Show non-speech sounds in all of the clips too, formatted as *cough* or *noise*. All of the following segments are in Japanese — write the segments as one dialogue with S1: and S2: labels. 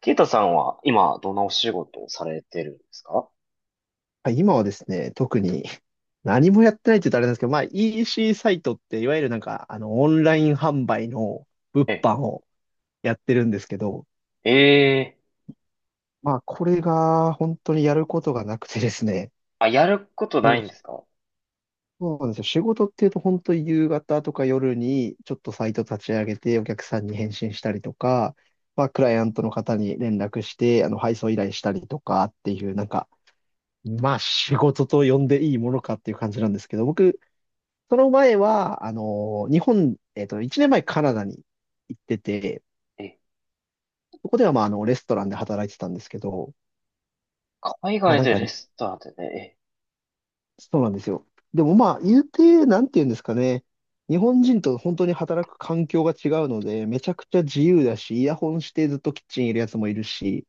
S1: ケイタさんは今どんなお仕事をされてるんですか？
S2: はい今はですね、特に何もやってないって言うとあれなんですけど、まあ EC サイトっていわゆるなんかオンライン販売の物
S1: え、
S2: 販をやってるんですけど、
S1: ええ。
S2: まあこれが本当にやることがなくてですね、
S1: あ、やること
S2: も
S1: な
S2: う
S1: いんですか？
S2: そうなんですよ。仕事っていうと本当に夕方とか夜にちょっとサイト立ち上げてお客さんに返信したりとか、まあクライアントの方に連絡して配送依頼したりとかっていうなんか、まあ仕事と呼んでいいものかっていう感じなんですけど、僕その前は、あの、日本、えっと、1年前カナダに行ってて、
S1: え、
S2: そこではまあ、レストランで働いてたんですけど、
S1: 海
S2: まあ
S1: 外
S2: なん
S1: で
S2: か、
S1: レストランでね。
S2: そうなんですよ。でもまあ、言うて、なんて言うんですかね。日本人と本当に働く環境が違うので、めちゃくちゃ自由だし、イヤホンしてずっとキッチンいるやつもいるし、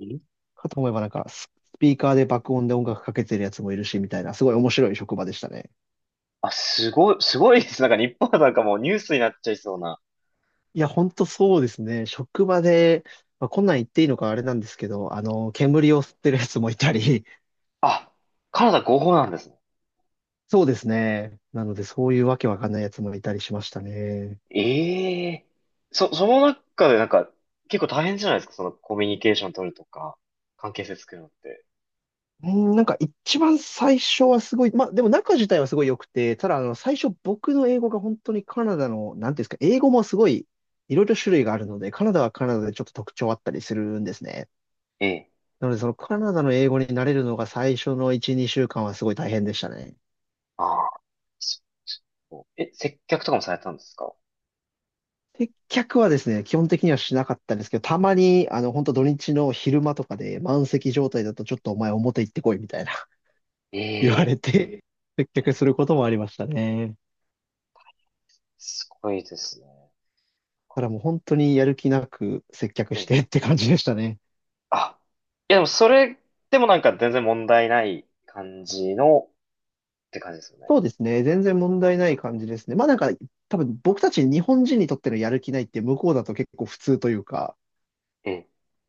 S1: え、ん。
S2: かと思えばなんか、スピーカーで爆音で音楽かけてるやつもいるし、みたいな、すごい面白い職場でしたね。
S1: あ、すごい、すごいです。なんか日本はなんかもうニュースになっちゃいそうな。
S2: いや、ほんとそうですね。職場で、まあ、こんなん言っていいのかあれなんですけど、煙を吸ってるやつもいたり、
S1: あ、カナダ合法なんですね。
S2: *laughs* そうですね。なので、そういうわけわかんないやつもいたりしましたね。
S1: ええ。その中でなんか結構大変じゃないですか？そのコミュニケーション取るとか、関係性作るのって。
S2: うん、なんか一番最初はすごい、まあでも中自体はすごい良くて、ただ最初僕の英語が本当にカナダの、なんていうんですか、英語もすごいいろいろ種類があるので、カナダはカナダでちょっと特徴あったりするんですね。
S1: ええ、
S2: なのでそのカナダの英語に慣れるのが最初の1、2週間はすごい大変でしたね。
S1: ああ、そそう接客とかもされたんですか？
S2: 接客はですね、基本的にはしなかったんですけど、たまに、本当土日の昼間とかで満席状態だと、ちょっとお前表行ってこいみたいな *laughs* 言わ
S1: え
S2: れ
S1: え。
S2: て、接客することもありましたね。
S1: すごいですね。
S2: だからもう本当にやる気なく接客し
S1: え、
S2: てって感じでしたね。
S1: あ、いやでもそれでもなんか全然問題ない感じのって感じですよね？
S2: そうですね。全然問題ない感じですね。まあなんか、多分僕たち日本人にとってのやる気ないって向こうだと結構普通というか、
S1: え、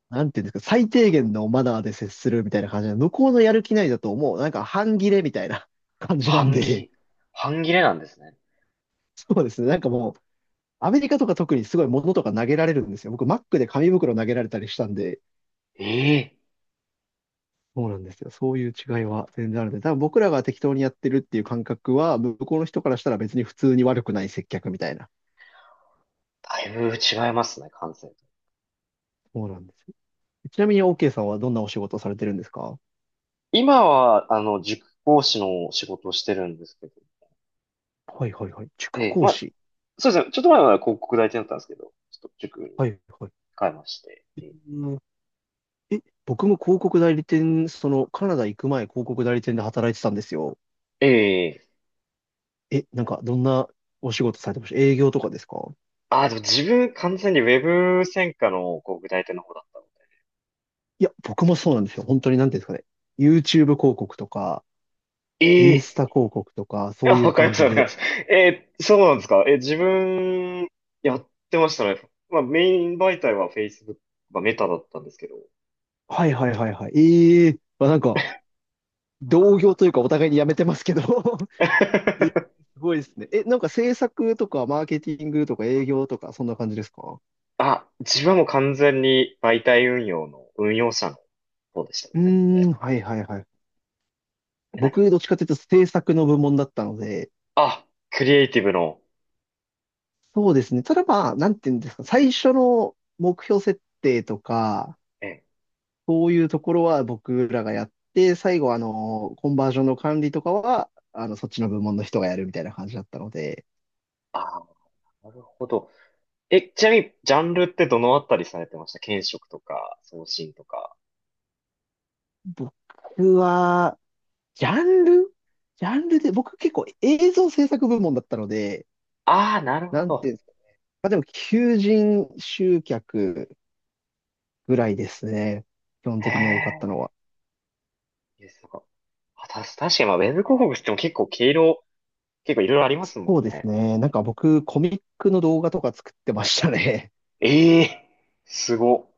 S2: なんていうんですか、最低限のマナーで接するみたいな感じで、向こうのやる気ないだともうなんか半切れみたいな感じなん
S1: 半
S2: で、
S1: 切、半切れなんですね。
S2: そうですね。なんかもう、アメリカとか特にすごい物とか投げられるんですよ。僕、マックで紙袋投げられたりしたんで、
S1: ええ。
S2: そうなんですよ。そういう違いは全然あるんで、多分僕らが適当にやってるっていう感覚は、向こうの人からしたら別に普通に悪くない接客みたいな。
S1: だいぶ違いますね、感性と。
S2: そうなんですよ。ちなみに OK さんはどんなお仕事をされてるんですか？
S1: 今は、塾講師の仕事をしてるんですけど。
S2: はいはいはい。塾
S1: ええ、
S2: 講
S1: まあ、
S2: 師。
S1: そうですね。ちょっと前は広告代理店だったんですけど、ちょっと塾に
S2: はいはい。
S1: 変えまして。え
S2: うん、え、僕も広告代理店、そのカナダ行く前広告代理店で働いてたんですよ。
S1: え、ええ。
S2: え、なんかどんなお仕事されてました営業とかですか？
S1: ああ、でも自分完全にウェブ専科の広告代理店の方だったの
S2: いや、僕もそうなんですよ。本当になんていうんですかね。YouTube 広告とか、
S1: で。
S2: インス
S1: え
S2: タ
S1: え。
S2: 広告とか、
S1: い
S2: そ
S1: や、
S2: ういう
S1: わかりま
S2: 感
S1: す、
S2: じ
S1: わかりま
S2: で。
S1: す。えー、そうなんですか？えー、自分、やってましたね。まあ、メイン媒体は Facebook、まあ、メタだったんですけど。
S2: はいはいはいはい。ええまあなんか、同業というかお互いにやめてますけど *laughs* え、す
S1: *laughs*
S2: ごいですね。え、なんか制作とか、マーケティングとか、営業とか、そんな感じですか？
S1: あ、自分はもう完全に媒体運用の、運用者の方でしたね、
S2: う
S1: 専門
S2: ー
S1: で。
S2: ん、はいはいはい。
S1: なんか、
S2: 僕、どっちかというと制作の部門だったので、
S1: あ、クリエイティブの、
S2: そうですね。ただまあ、なんていうんですか、最初の目標設定とか、
S1: え、
S2: そういうところは僕らがやって、最後、コンバージョンの管理とかは、そっちの部門の人がやるみたいな感じだったので、
S1: あ、なるほど。え、ちなみに、ジャンルってどのあたりされてました？検職とか、送信とか。
S2: 僕は、ジャンルジャンルで、僕結構映像制作部門だったので、
S1: ああ、なるほ
S2: なんてい
S1: ど。
S2: うんですか。まあでも、求人集客ぐらいですね。基本
S1: へ
S2: 的に多かったの
S1: え、
S2: は。
S1: いいです。なんか、確かに、まあ、ウェブ広告っても結構毛色、結構いろいろありますも
S2: そ
S1: ん
S2: うです
S1: ね。
S2: ね。なんか僕、コミックの動画とか作ってましたね。*laughs*
S1: ええ。すご。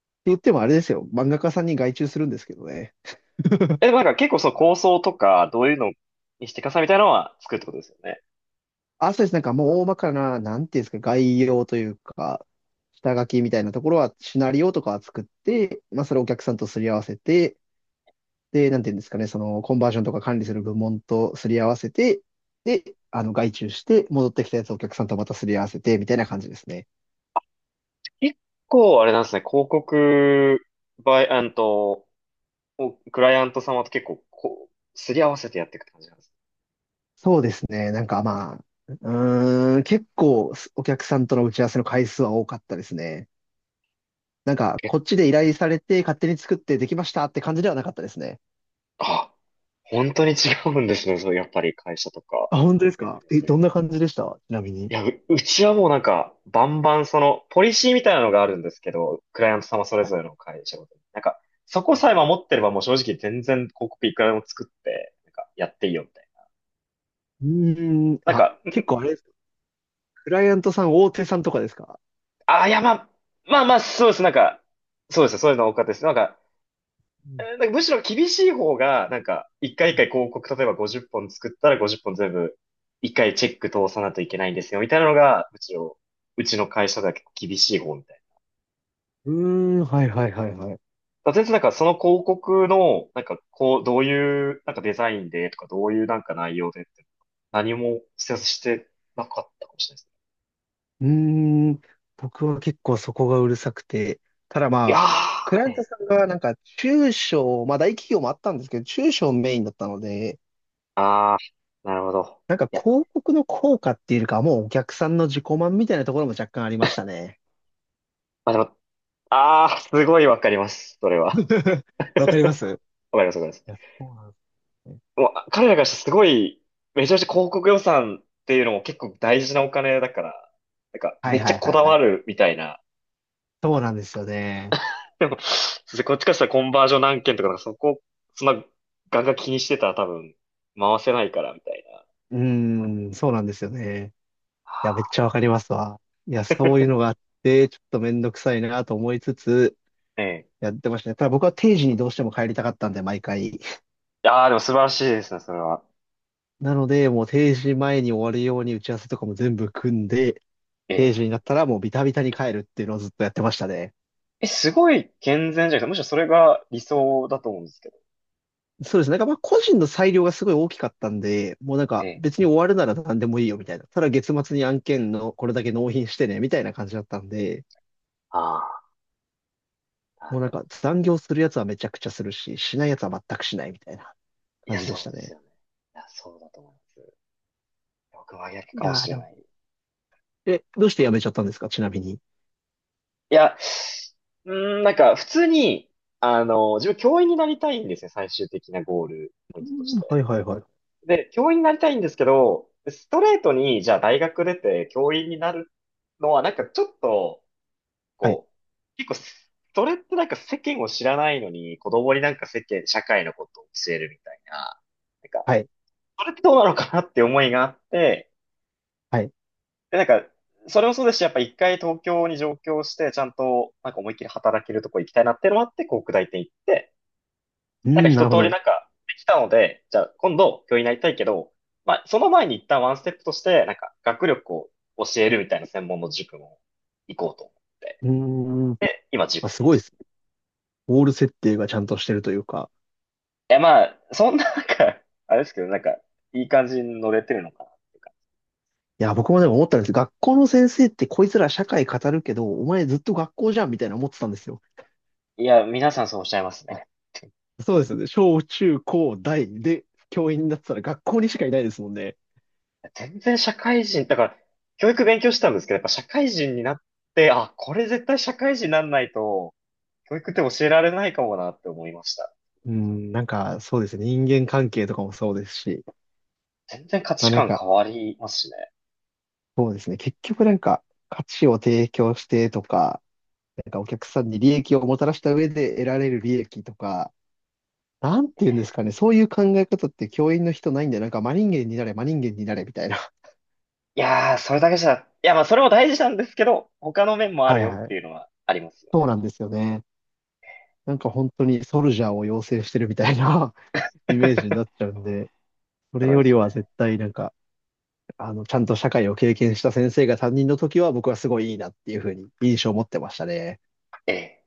S2: って言ってもあれですよ。漫画家さんに外注するんですけどね。
S1: え、でもなんか結構その構想とか、どういうのにしていくかさみたいなのは作るってことですよね？
S2: あ、そうです。なんかもう大まかな、なんていうんですか、概要というか、下書きみたいなところは、シナリオとかは作って、まあ、それをお客さんとすり合わせて、で、なんていうんですかね、その、コンバージョンとか管理する部門とすり合わせて、で、外注して、戻ってきたやつをお客さんとまたすり合わせて、みたいな感じですね。
S1: 結構あれなんですね、広告、バイ、あんと、おクライアント様と結構こう、すり合わせてやっていくって感じなんですね。
S2: そうですね。なんかまあ、うーん、結構、お客さんとの打ち合わせの回数は多かったですね。なんか、
S1: 結
S2: こっちで依頼されて、勝手に作ってできましたって感じではなかったですね。
S1: 構、あ、本当に違うんですね、そう、やっぱり会社とか。
S2: あ、本当ですかえ、どんな感じでしたちなみに。
S1: いや、うちはもうなんか、バンバンその、ポリシーみたいなのがあるんですけど、クライアント様それぞれの会社ごとに。なんか、そこさえ守ってればもう正直全然広告いくらでも作って、なんか、やっていいよみたいな。
S2: うーん、
S1: なん
S2: あ、
S1: か、
S2: 結構あれですかクライアントさん、大手さんとかですか？
S1: ああ、いや、まあ、まあまあ、そうです。なんか、そうですね。そういうの多かったです。なんか、
S2: うん
S1: なんかむしろ厳しい方が、なんか、一回一
S2: はい
S1: 回広告、例えば50本作ったら50本全部、一回チェック通さないといけないんですよ、みたいなのが、むしろ、うちの会社では結構厳しい方み
S2: うーん、はいはいはいはい。
S1: だ全然なんかその広告の、なんかこう、どういうなんかデザインでとか、どういうなんか内容でって、何も施設してなかったかもしれないですね。
S2: うーん、僕は結構そこがうるさくて、ただ
S1: い
S2: ま
S1: や
S2: あ、クライ
S1: ー、
S2: ア
S1: え
S2: ント
S1: え。
S2: さんがなんか中小、まあ大企業もあったんですけど、中小メインだったので、
S1: あー、なるほど。
S2: なんか
S1: いや、
S2: 広告の効果っていうよりかは、もうお客さんの自己満みたいなところも若干ありましたね。
S1: まあでも、あー、すごいわかります。それは。
S2: *laughs* わかりますい
S1: *laughs* わかります、わかります。
S2: や、そうなんですね。
S1: もう、彼らからしてすごい、めちゃめちゃ広告予算っていうのも結構大事なお金だから、なんか
S2: は
S1: め
S2: い
S1: っち
S2: は
S1: ゃ
S2: い
S1: こ
S2: はい
S1: だ
S2: は
S1: わ
S2: い。
S1: るみたいな。
S2: そうなんですよね。
S1: でも、そうですね、こっちからしたらコンバージョン何件とか、なんかそこ、そんな、ガンガン気にしてたら多分、回せないから、みたいな。
S2: うーん、そうなんですよね。いや、めっちゃわかりますわ。いや、そういうの
S1: *laughs*
S2: があって、ちょっとめんどくさいなと思いつつ、
S1: ええ。
S2: やってましたね。ただ僕は定時にどうしても帰りたかったんで、毎回。
S1: ああ、でも素晴らしいですね、それは。
S2: なので、もう定時前に終わるように打ち合わせとかも全部組んで、
S1: え
S2: 定
S1: え。
S2: 時になったらもうビタビタに帰るっていうのをずっとやってましたね。
S1: え、すごい健全じゃなくて、むしろそれが理想だと思うんですけど。
S2: そうですね。なんかまあ個人の裁量がすごい大きかったんで、もうなん
S1: え
S2: か
S1: え。
S2: 別に終わるなら何でもいいよみたいな。ただ月末に案件のこれだけ納品してね、みたいな感じだったんで、
S1: ああ、なる
S2: もうなん
S1: ほ
S2: か
S1: ど。
S2: 残業するやつはめちゃくちゃするし、しないやつは全くしないみたいな
S1: い
S2: 感
S1: や、
S2: じで
S1: そ
S2: し
S1: う
S2: た
S1: です
S2: ね。
S1: よね。いや、そうだと思います。僕は逆
S2: い
S1: かも
S2: やー
S1: し
S2: で
S1: れ
S2: も、
S1: ない。い
S2: え、どうして辞めちゃったんですかちなみに。
S1: や、うーん、なんか、普通に、自分教員になりたいんですね、最終的なゴールポイ
S2: う
S1: ントとし
S2: んは
S1: て。
S2: いはいはい。
S1: で、教員になりたいんですけど、ストレートに、じゃあ大学出て教員になるのは、なんかちょっと、
S2: はい、
S1: こう、結構す、それってなんか世間を知らないのに、子供になんか世間、社会のことを教えるみたいな、なんか、
S2: はい、
S1: それってどうなのかなって思いがあって、
S2: はい。う
S1: で、なんか、それもそうですし、やっぱ一回東京に上京して、ちゃんと、なんか思いっきり働けるとこ行きたいなっていうのもあって、こう、北大って行って、
S2: ー
S1: なんか
S2: ん、な
S1: 一
S2: る
S1: 通
S2: ほ
S1: りな
S2: ど。
S1: んかできたので、じゃあ今度教員になりたいけど、まあその前に一旦ワンステップとして、なんか学力を教えるみたいな専門の塾も行こうと思って、
S2: うーん、ま
S1: 今塾
S2: あ、
S1: って
S2: す
S1: 感
S2: ごい
S1: じ。
S2: ですね。
S1: い
S2: ゴール設定がちゃんとしてるというか。
S1: やまあ、そんななんか、あれですけど、なんかいい感じに乗れてるのかなっていうか。
S2: いや、僕もでも思ったんです。学校の先生ってこいつら社会語るけど、お前ずっと学校じゃんみたいな思ってたんですよ。
S1: いや、皆さんそうおっしゃいますね。
S2: そうですよね。小中高大で教員になってたら学校にしかいないですもんね。
S1: 全然社会人、だから教育勉強したんですけど、やっぱ社会人になって、あ、これ絶対社会人になんないと、教育って教えられないかもなって思いました。
S2: うん、なんかそうですね。人間関係とかもそうですし。
S1: 全然価
S2: ま
S1: 値
S2: あなん
S1: 観
S2: か、
S1: 変わりますしね。
S2: そうですね。結局なんか価値を提供してとか、なんかお客さんに利益をもたらした上で得られる利益とか、なんていうんですかね。そういう考え方って教員の人ないんで、なんか真人間になれ、真人間になれみたいな。*laughs*
S1: いやー、それだけじゃ、いや、まあ、それも大事なんですけど、他の面もある
S2: はい
S1: よっ
S2: は
S1: て
S2: い。
S1: いうのはありますよ
S2: そう
S1: ね。
S2: なんですよね。なんか本当にソルジャーを養成してるみたいな *laughs* イメージに
S1: *laughs*
S2: なっちゃうんで、それ
S1: そう
S2: よ
S1: で
S2: り
S1: す
S2: は
S1: ね。
S2: 絶対なんか、ちゃんと社会を経験した先生が担任の時は僕はすごいいいなっていうふうに印象を持ってましたね。
S1: ええ。